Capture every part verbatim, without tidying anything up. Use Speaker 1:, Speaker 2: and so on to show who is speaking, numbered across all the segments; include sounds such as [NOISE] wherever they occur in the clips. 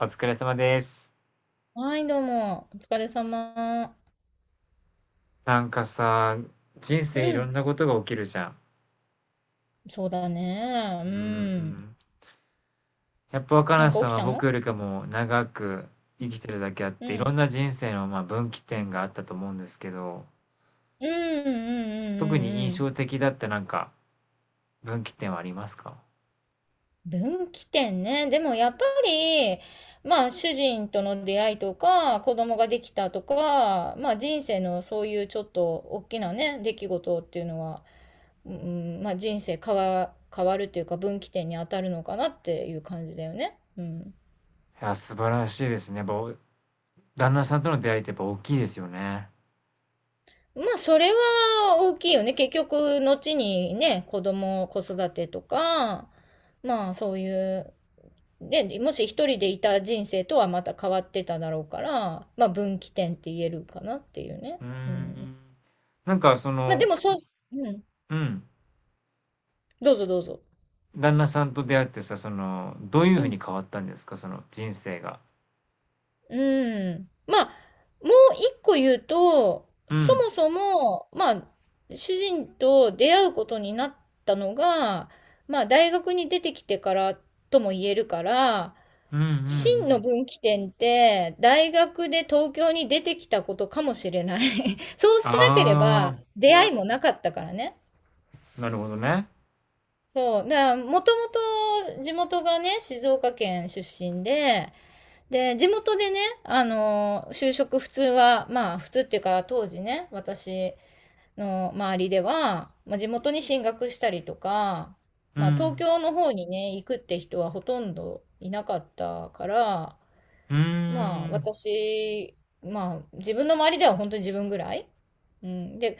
Speaker 1: お疲れ様です。
Speaker 2: はい、どうも。お疲れ様。
Speaker 1: なんかさ、人
Speaker 2: う
Speaker 1: 生いろん
Speaker 2: ん。
Speaker 1: なことが起きるじゃん。
Speaker 2: そうだね。う
Speaker 1: うー
Speaker 2: ん。
Speaker 1: ん。やっぱ若
Speaker 2: なん
Speaker 1: 菜
Speaker 2: か起
Speaker 1: さん
Speaker 2: き
Speaker 1: は
Speaker 2: た
Speaker 1: 僕
Speaker 2: の
Speaker 1: よりかも長く
Speaker 2: う
Speaker 1: 生
Speaker 2: ん。
Speaker 1: きてるだけあって、い
Speaker 2: う
Speaker 1: ろん
Speaker 2: ん。
Speaker 1: な人生のまあ分岐
Speaker 2: う
Speaker 1: 点
Speaker 2: ん
Speaker 1: があったと思うんですけど、
Speaker 2: うんうんうん
Speaker 1: 特に印
Speaker 2: うんうん
Speaker 1: 象的だったなんか分岐点はありますか？
Speaker 2: 分岐点ね。でもやっぱり、まあ主人との出会いとか、子供ができたとか、まあ人生のそういうちょっと大きなね、出来事っていうのは、うん、まあ人生変わ、変わるっていうか分岐点に当たるのかなっていう感じだよね。うん。
Speaker 1: いや、素晴らしいですね。やっぱお旦那さんとの出会いってやっぱ大きいですよね。
Speaker 2: まあ、それは大きいよね。結局、後にね、子供、子育てとか、まあ、そういう、で、もし一人でいた人生とはまた変わってただろうから、まあ、分岐点って言えるかなっていうね。
Speaker 1: うー
Speaker 2: うん。
Speaker 1: ん。なんかそ
Speaker 2: まあ、で
Speaker 1: の、
Speaker 2: も、そう、うん。
Speaker 1: うん。
Speaker 2: どうぞどうぞ。
Speaker 1: 旦那さんと出会ってさ、その、どういう
Speaker 2: う
Speaker 1: ふうに
Speaker 2: ん。
Speaker 1: 変わったんですかその人生が。
Speaker 2: うん。まあ、もう一個言うと、
Speaker 1: う
Speaker 2: そ
Speaker 1: ん。
Speaker 2: もそも、まあ、主人と出会うことになったのが、まあ、大学に出てきてからとも言えるから、
Speaker 1: うんうんう
Speaker 2: 真の
Speaker 1: ん。
Speaker 2: 分岐点って、大学で東京に出てきたことかもしれない。[LAUGHS] そうしなけれ
Speaker 1: あ
Speaker 2: ば出会いもなかったからね。
Speaker 1: あ、なるほどね。
Speaker 2: そう。だから、もともと地元がね、静岡県出身で、で、地元でね、あの、就職普通は、まあ、普通っていうか、当時ね、私の周りでは、まあ、地元に進学したりとか、
Speaker 1: う
Speaker 2: まあ、東
Speaker 1: ん。
Speaker 2: 京の方にね、行くって人はほとんどいなかったから、
Speaker 1: うー
Speaker 2: まあ、
Speaker 1: ん。
Speaker 2: 私、まあ、自分の周りでは本当に自分ぐらい。うん。で、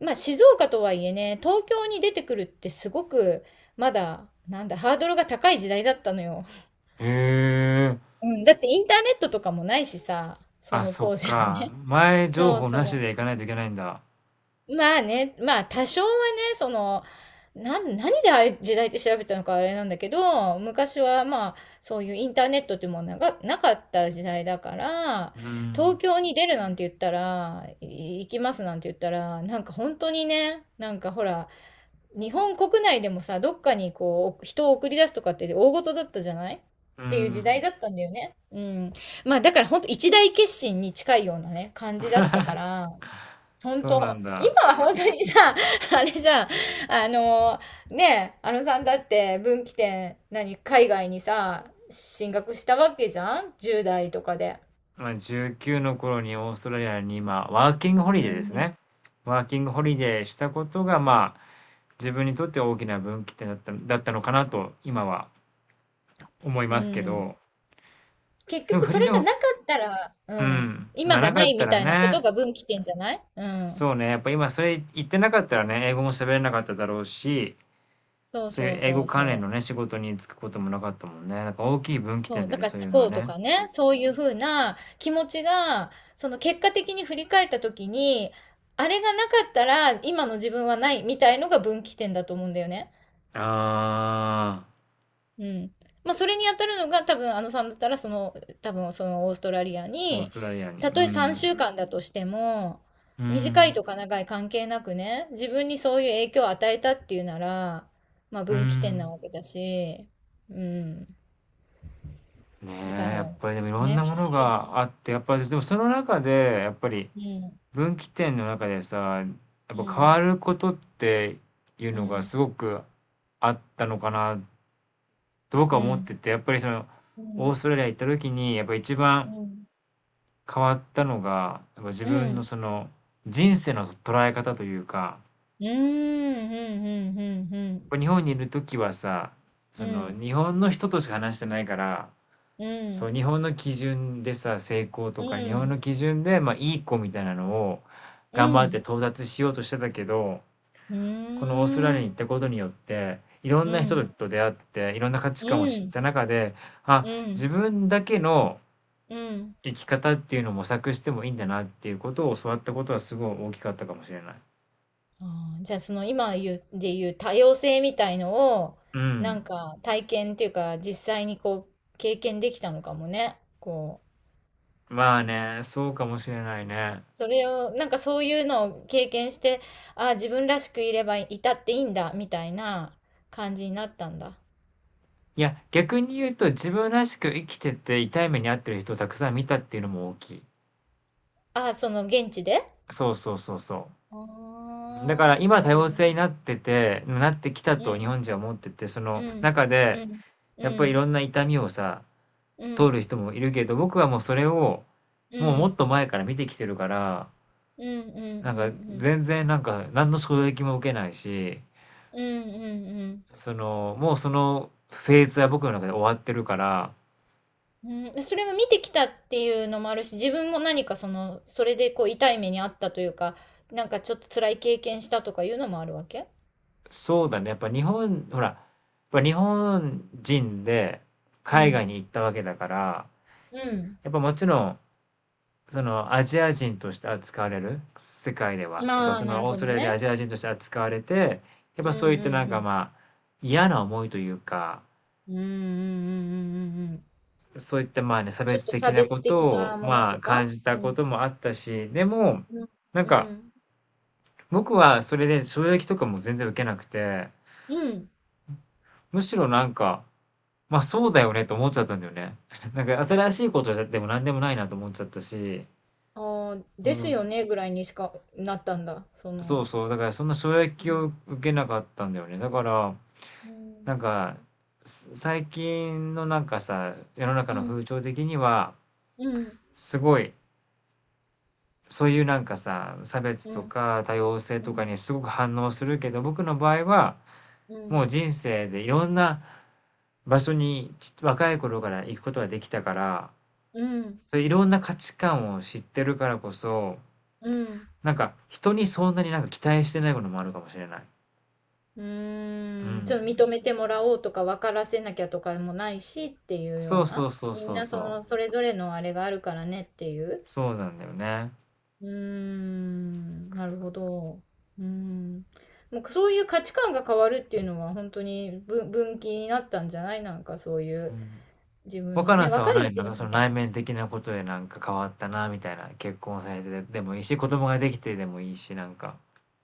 Speaker 2: まあ、静岡とはいえね、東京に出てくるってすごく、まだ、なんだ、ハードルが高い時代だったのよ。
Speaker 1: へえ。
Speaker 2: うん。だってインターネットとかもないしさ、そ
Speaker 1: あ、
Speaker 2: の
Speaker 1: そっ
Speaker 2: 当時は
Speaker 1: か。
Speaker 2: ね。
Speaker 1: 前情
Speaker 2: そう
Speaker 1: 報なし
Speaker 2: そ
Speaker 1: で行
Speaker 2: う。
Speaker 1: かないといけないんだ。
Speaker 2: まあね、まあ多少はね、その、なん、何でああいう時代って調べたのかあれなんだけど、昔はまあ、そういうインターネットっていうものがなかった時代だから、
Speaker 1: う
Speaker 2: 東
Speaker 1: ん。
Speaker 2: 京に出るなんて言ったら、い行きますなんて言ったら、なんか本当にね、なんかほら、日本国内でもさ、どっかにこう、人を送り出すとかって大事だったじゃないっ
Speaker 1: う
Speaker 2: ていう時
Speaker 1: ん。
Speaker 2: 代だったんだよね。うん。まあだから本当一大決心に近いようなね、感じだったから、本
Speaker 1: そうなん
Speaker 2: 当今
Speaker 1: だ。
Speaker 2: は本当にさ、[LAUGHS] あれじゃん。あの、ねえ、あのさんだって分岐点、何、海外にさ、進学したわけじゃん？ じゅうだい 代とかで。
Speaker 1: まあ、じゅうきゅうの頃にオーストラリアに今、ワーキング
Speaker 2: う
Speaker 1: ホリデーですね。
Speaker 2: ん
Speaker 1: ワーキングホリデーしたことが、まあ、自分にとって大きな分岐点だった、だったのかなと、今は思い
Speaker 2: う
Speaker 1: ますけ
Speaker 2: ん。
Speaker 1: ど。
Speaker 2: 結
Speaker 1: でも、
Speaker 2: 局
Speaker 1: フリ
Speaker 2: そ
Speaker 1: ー
Speaker 2: れ
Speaker 1: で
Speaker 2: が
Speaker 1: も、
Speaker 2: なかったら、う
Speaker 1: う
Speaker 2: ん。
Speaker 1: ん。ま
Speaker 2: 今
Speaker 1: あ、
Speaker 2: が
Speaker 1: なか
Speaker 2: な
Speaker 1: っ
Speaker 2: い
Speaker 1: た
Speaker 2: み
Speaker 1: ら
Speaker 2: たいなこと
Speaker 1: ね、
Speaker 2: が分岐点じゃないうん。
Speaker 1: そうね、やっぱ今それ言ってなかったらね、英語も喋れなかっただろうし、
Speaker 2: そう
Speaker 1: そういう
Speaker 2: そう
Speaker 1: 英
Speaker 2: そ
Speaker 1: 語
Speaker 2: う
Speaker 1: 関連
Speaker 2: そう。
Speaker 1: のね、仕事に就くこともなかったもんね。なんか大きい分岐
Speaker 2: そ
Speaker 1: 点
Speaker 2: う、
Speaker 1: だ
Speaker 2: だ
Speaker 1: よね、
Speaker 2: から、
Speaker 1: そうい
Speaker 2: つ
Speaker 1: うのは
Speaker 2: こうと
Speaker 1: ね。
Speaker 2: かね、そういうふうな気持ちが、その結果的に振り返った時に、あれがなかったら今の自分はないみたいのが分岐点だと思うんだよね。
Speaker 1: あ
Speaker 2: うん。まあ、それに当たるのが多分、あのさんだったら、その、多分、そのオーストラリア
Speaker 1: あ、オー
Speaker 2: に、
Speaker 1: ストラリアに。
Speaker 2: た
Speaker 1: う
Speaker 2: とえ3
Speaker 1: ん。
Speaker 2: 週間だとしても、
Speaker 1: う
Speaker 2: 短い
Speaker 1: ん。
Speaker 2: とか長い関係なくね、自分にそういう影響を与えたっていうなら、まあ、
Speaker 1: う
Speaker 2: 分岐点な
Speaker 1: ん。
Speaker 2: わけだし、うん。
Speaker 1: ね
Speaker 2: だか
Speaker 1: え、やっ
Speaker 2: ら、
Speaker 1: ぱりでもいろん
Speaker 2: ね、
Speaker 1: な
Speaker 2: 不
Speaker 1: もの
Speaker 2: 思議な。
Speaker 1: があって、やっぱりでもその中で、やっぱり
Speaker 2: うん。
Speaker 1: 分岐点の中でさ、や
Speaker 2: う
Speaker 1: っぱ変わ
Speaker 2: ん、
Speaker 1: ることっていう
Speaker 2: う
Speaker 1: のが
Speaker 2: ん、
Speaker 1: すごくあったのかなと僕は
Speaker 2: う
Speaker 1: 思っ
Speaker 2: ん、
Speaker 1: てて、やっぱりその、
Speaker 2: う
Speaker 1: オー
Speaker 2: ん、
Speaker 1: ストラリア行った時に、やっぱ一番
Speaker 2: うん、
Speaker 1: 変わったのが、やっぱ自
Speaker 2: う
Speaker 1: 分の
Speaker 2: ん、
Speaker 1: その、人生の捉え方というか、
Speaker 2: うん、うん、うん、うん、
Speaker 1: 日本にいる時はさ、
Speaker 2: う
Speaker 1: その、
Speaker 2: ん、
Speaker 1: 日本の人としか話してないから、
Speaker 2: うん、う
Speaker 1: そう、
Speaker 2: ん、
Speaker 1: 日本の基準でさ、成功とか、日本の基準で、まあ、いい子みたいなのを、
Speaker 2: うん、
Speaker 1: 頑
Speaker 2: う
Speaker 1: 張って
Speaker 2: ん、
Speaker 1: 到達しようとしてたけど、
Speaker 2: う
Speaker 1: このオーストラリア
Speaker 2: ん、
Speaker 1: に行ったことによって、いろん
Speaker 2: う
Speaker 1: な人
Speaker 2: ん、
Speaker 1: と出会って、いろんな価値観を知った中で、
Speaker 2: う
Speaker 1: あ、自
Speaker 2: ん、
Speaker 1: 分だけの
Speaker 2: うん。
Speaker 1: 生き方っていうのを模索してもいいんだなっていうことを教わったことはすごい大きかったかもしれない。
Speaker 2: あーじゃあその今言う、で言う多様性みたいのを、
Speaker 1: う
Speaker 2: なん
Speaker 1: ん。
Speaker 2: か体験っていうか実際にこう経験できたのかもね。こう
Speaker 1: まあね、そうかもしれないね。
Speaker 2: それを、なんかそういうのを経験して、ああ、自分らしくいればいたっていいんだ、みたいな感じになったんだ。
Speaker 1: いや、逆に言うと自分らしく生きてて痛い目に遭ってる人をたくさん見たっていうのも大きい。
Speaker 2: ああ、その現地で
Speaker 1: そうそうそうそう。だから
Speaker 2: ああ、
Speaker 1: 今
Speaker 2: なる
Speaker 1: 多
Speaker 2: ほど
Speaker 1: 様性に
Speaker 2: ね。
Speaker 1: なっててなってきた
Speaker 2: う
Speaker 1: と日
Speaker 2: ん、
Speaker 1: 本人は思ってて、そ
Speaker 2: う
Speaker 1: の
Speaker 2: ん、
Speaker 1: 中で
Speaker 2: うん、う
Speaker 1: やっぱりい
Speaker 2: ん、
Speaker 1: ろんな痛みをさ、
Speaker 2: うん、う
Speaker 1: 通
Speaker 2: ん、
Speaker 1: る人もいるけど、僕はもうそれを
Speaker 2: う
Speaker 1: もうもっ
Speaker 2: ん、
Speaker 1: と前から見てきてるから、
Speaker 2: うん、うん、
Speaker 1: なんか
Speaker 2: うん、
Speaker 1: 全然なんか何の衝撃も受けないし、
Speaker 2: うん、
Speaker 1: そのもうそのフェーズは僕の中で終わってるから、
Speaker 2: うん、うん。それも見てきたっていうのもあるし、自分も何かその、それでこう痛い目にあったというか、なんかちょっと辛い経験したとかいうのもあるわけ
Speaker 1: そうだね、やっぱ日本、ほら、やっぱ日本人で
Speaker 2: う
Speaker 1: 海
Speaker 2: ん。
Speaker 1: 外に行ったわけだから、
Speaker 2: うん。
Speaker 1: やっぱもちろんそのアジア人として扱われる、世界では。やっぱ
Speaker 2: まあ、
Speaker 1: そ
Speaker 2: な
Speaker 1: の
Speaker 2: る
Speaker 1: オー
Speaker 2: ほ
Speaker 1: スト
Speaker 2: ど
Speaker 1: ラリアで
Speaker 2: ね。
Speaker 1: アジア人として扱われて、やっ
Speaker 2: うん
Speaker 1: ぱそう
Speaker 2: う
Speaker 1: いったなん
Speaker 2: んう
Speaker 1: か
Speaker 2: ん。
Speaker 1: まあ嫌な思いというか、
Speaker 2: うんうんうんうんうんうん。
Speaker 1: そういった、まあね、差
Speaker 2: ちょっ
Speaker 1: 別
Speaker 2: と
Speaker 1: 的
Speaker 2: 差
Speaker 1: な
Speaker 2: 別
Speaker 1: こと
Speaker 2: 的な
Speaker 1: を、
Speaker 2: もの
Speaker 1: ま
Speaker 2: と
Speaker 1: あ、感
Speaker 2: か
Speaker 1: じた
Speaker 2: う
Speaker 1: こ
Speaker 2: ん。
Speaker 1: ともあったし、でも、
Speaker 2: うん。
Speaker 1: なん
Speaker 2: う
Speaker 1: か、
Speaker 2: ん。
Speaker 1: 僕はそれで衝撃とかも全然受けなくて、
Speaker 2: うん。
Speaker 1: むしろなんか、まあそうだよねと思っちゃったんだよね。[LAUGHS] なんか新しいことをやっても何でもないなと思っちゃったし、
Speaker 2: ああ、
Speaker 1: う
Speaker 2: です
Speaker 1: ん、
Speaker 2: よねぐらいにしかなったんだ。そ
Speaker 1: そう
Speaker 2: の。
Speaker 1: そう、だからそんな衝
Speaker 2: う
Speaker 1: 撃を
Speaker 2: ん。
Speaker 1: 受けなかったんだよね。だから、
Speaker 2: う
Speaker 1: な
Speaker 2: ん。
Speaker 1: んか、す最近のなんかさ、世の中
Speaker 2: う
Speaker 1: の
Speaker 2: ん。
Speaker 1: 風潮的には、
Speaker 2: うん。
Speaker 1: すごい、そういうなんかさ、差別
Speaker 2: う
Speaker 1: と
Speaker 2: ん。
Speaker 1: か多様性とかにすごく反応するけど、僕の場合は、
Speaker 2: う
Speaker 1: も
Speaker 2: ん。
Speaker 1: う人生でいろんな場所にち若い頃から行くことができたから、
Speaker 2: うん。
Speaker 1: そういういろんな価値観を知ってるからこそ、
Speaker 2: うん。
Speaker 1: なんか人にそんなになんか期待してないこともあるかもしれない。
Speaker 2: う
Speaker 1: う
Speaker 2: ん。ちょっと認
Speaker 1: ん。
Speaker 2: めてもらおうとか分からせなきゃとかもないしっていうよう
Speaker 1: そうそ
Speaker 2: な。
Speaker 1: うそう
Speaker 2: みん
Speaker 1: そう
Speaker 2: な
Speaker 1: そ
Speaker 2: そ
Speaker 1: う。
Speaker 2: の、それぞれのあれがあるからねっていう。
Speaker 1: そうなんだよね。
Speaker 2: うーん、なるほど。うーん。もうそういう価値観が変わるっていうのは本当に分、分岐になったんじゃないなんかそうい
Speaker 1: う
Speaker 2: う
Speaker 1: ん。
Speaker 2: 自分の
Speaker 1: 若菜
Speaker 2: ね、
Speaker 1: さんは
Speaker 2: 若い
Speaker 1: な
Speaker 2: う
Speaker 1: いの？な
Speaker 2: ち
Speaker 1: ん
Speaker 2: の
Speaker 1: かそ
Speaker 2: 方
Speaker 1: の
Speaker 2: が。
Speaker 1: 内面的なことでなんか変わったなみたいな、結婚されてでもいいし、子供ができてでもいいし、なんか。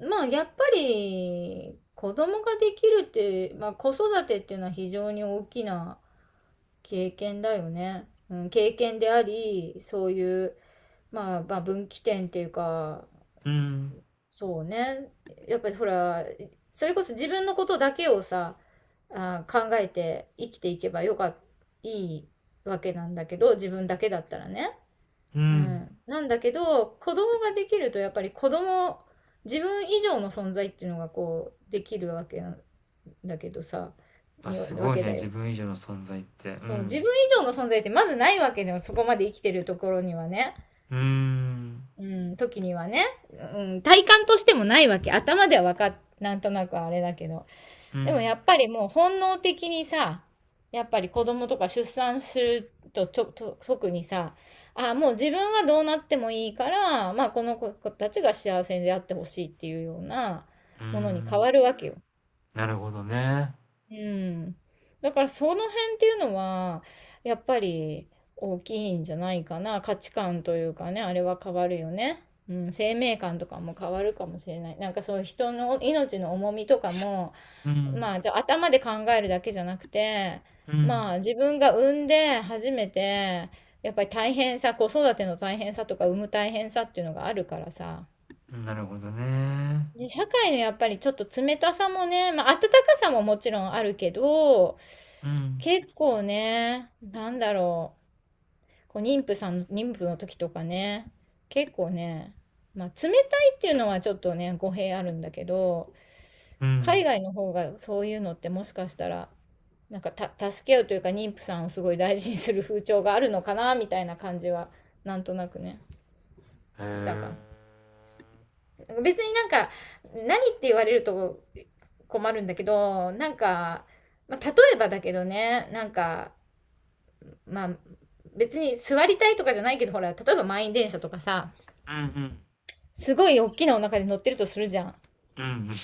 Speaker 2: まあやっぱり子供ができるって、まあ子育てっていうのは非常に大きな経験だよね。うん、経験であり、そういう、まあ、まあ分岐点っていうか、
Speaker 1: うん。
Speaker 2: そうね。やっぱりほら、それこそ自分のことだけをさ、あー、考えて生きていけばよかっ、いいわけなんだけど、自分だけだったらね。
Speaker 1: う
Speaker 2: う
Speaker 1: ん。
Speaker 2: ん。なんだけど、子供ができるとやっぱり子供、自分以上の存在っていうのがこう、できるわけなんだけどさ、
Speaker 1: あ、
Speaker 2: に
Speaker 1: す
Speaker 2: わ
Speaker 1: ごい
Speaker 2: け
Speaker 1: ね、
Speaker 2: だ
Speaker 1: 自
Speaker 2: よ。
Speaker 1: 分以上の存在って。う
Speaker 2: そう、自分
Speaker 1: ん。
Speaker 2: 以上の存在ってまずないわけでも、そこまで生きてるところにはね。
Speaker 1: うーん。
Speaker 2: うん、時にはね、うん、体感としてもないわけ。頭ではわかっ、なんとなくあれだけど。
Speaker 1: う
Speaker 2: でもや
Speaker 1: ん。
Speaker 2: っぱりもう本能的にさ、やっぱり子供とか出産すると、と、と、特にさ、あ、もう自分はどうなってもいいから、まあこの子たちが幸せであってほしいっていうような
Speaker 1: うー
Speaker 2: ものに変
Speaker 1: ん。
Speaker 2: わるわけよ。
Speaker 1: なるほどね。
Speaker 2: うん。だからその辺っていうのは、やっぱり大きいんじゃないかな。価値観というかね、あれは変わるよね。うん、生命観とかも変わるかもしれない。なんかそういう人の命の重みとかも、
Speaker 1: うん。
Speaker 2: まあ、じゃあ頭で考えるだけじゃなくて、
Speaker 1: う
Speaker 2: ま
Speaker 1: ん。
Speaker 2: あ自分が産んで初めて、やっぱり大変さ、子育ての大変さとか産む大変さっていうのがあるからさ。
Speaker 1: なるほどね。
Speaker 2: で、社会のやっぱりちょっと冷たさもね、まあ温かさももちろんあるけど、
Speaker 1: うん。
Speaker 2: 結構ね、なんだろう、こう妊婦さん、妊婦の時とかね、結構ね、まあ、冷たいっていうのはちょっとね、語弊あるんだけど、
Speaker 1: う
Speaker 2: 海
Speaker 1: ん。
Speaker 2: 外の方がそういうのってもしかしたら、なんかた、助け合うというか、妊婦さんをすごい大事にする風潮があるのかな、みたいな感じは、なんとなくね、
Speaker 1: へ
Speaker 2: した
Speaker 1: え。
Speaker 2: かな。別になんか、何って言われると困るんだけど、なんか、まあ、例えばだけどね、なんか、まあ、別に座りたいとかじゃないけど、ほら、例えば満員電車とかさ、
Speaker 1: うんうん。
Speaker 2: すごい大きなお腹で乗ってるとするじゃん。
Speaker 1: うんうん。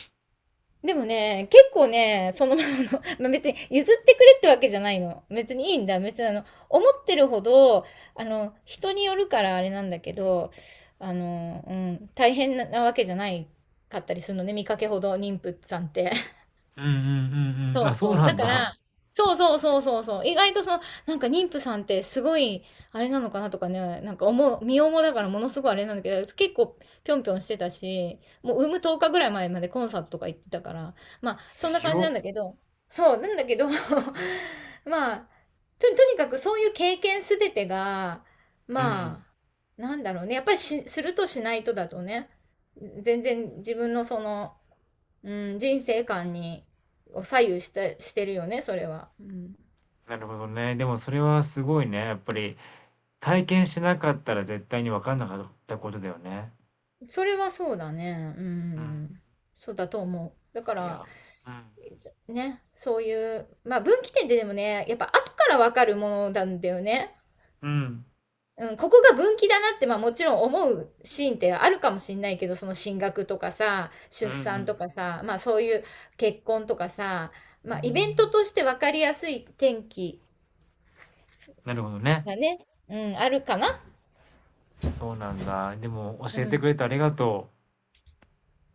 Speaker 2: でもね、結構ね、そのままの、[LAUGHS] まあ、別に譲ってくれってわけじゃないの。別にいいんだ。別にあの、思ってるほど、あの、人によるからあれなんだけど、あの、うん、大変なわけじゃないかったりするのね、見かけほど妊婦さんって。
Speaker 1: うんうんうんうん。
Speaker 2: そ
Speaker 1: あ、
Speaker 2: う
Speaker 1: そう
Speaker 2: そう。
Speaker 1: な
Speaker 2: だ
Speaker 1: ん
Speaker 2: か
Speaker 1: だ。
Speaker 2: ら、そうそうそうそうそう。意外とその、なんか妊婦さんってすごい、あれなのかなとかね、なんか思う、身重だからものすごいあれなんだけど、結構ぴょんぴょんしてたし、もう産むとおかぐらい前までコンサートとか行ってたから、まあ、そんな感じ
Speaker 1: 強
Speaker 2: な
Speaker 1: っ。
Speaker 2: んだけど、そう、なんだけど [LAUGHS] まあ、と、とにかくそういう経験すべてが、
Speaker 1: うん。
Speaker 2: まあ、なんだろうね。やっぱりし、するとしないとだとね、全然自分のその、うん、人生観にを左右してしてるよね、それは。うん、
Speaker 1: なるほどね。でもそれはすごいね。やっぱり体験しなかったら絶対に分かんなかったことだよね。
Speaker 2: それはそうだね。う
Speaker 1: うん。
Speaker 2: ん、そうだと思う。だか
Speaker 1: い
Speaker 2: ら、
Speaker 1: や、うん
Speaker 2: ね、そういう、まあ分岐点ってでもね、やっぱ後からわかるものなんだよね。
Speaker 1: うん。うん。
Speaker 2: うん、ここが分岐だなって、まあもちろん思うシーンってあるかもしんないけど、その進学とかさ、
Speaker 1: うん
Speaker 2: 出
Speaker 1: う
Speaker 2: 産と
Speaker 1: ん。
Speaker 2: かさ、まあそういう結婚とかさ、まあイベントとして分かりやすい転機
Speaker 1: なるほどね。
Speaker 2: がね、うん、あるかな。
Speaker 1: そうなんだ。でも
Speaker 2: う
Speaker 1: 教えてく
Speaker 2: ん
Speaker 1: れてありがとう。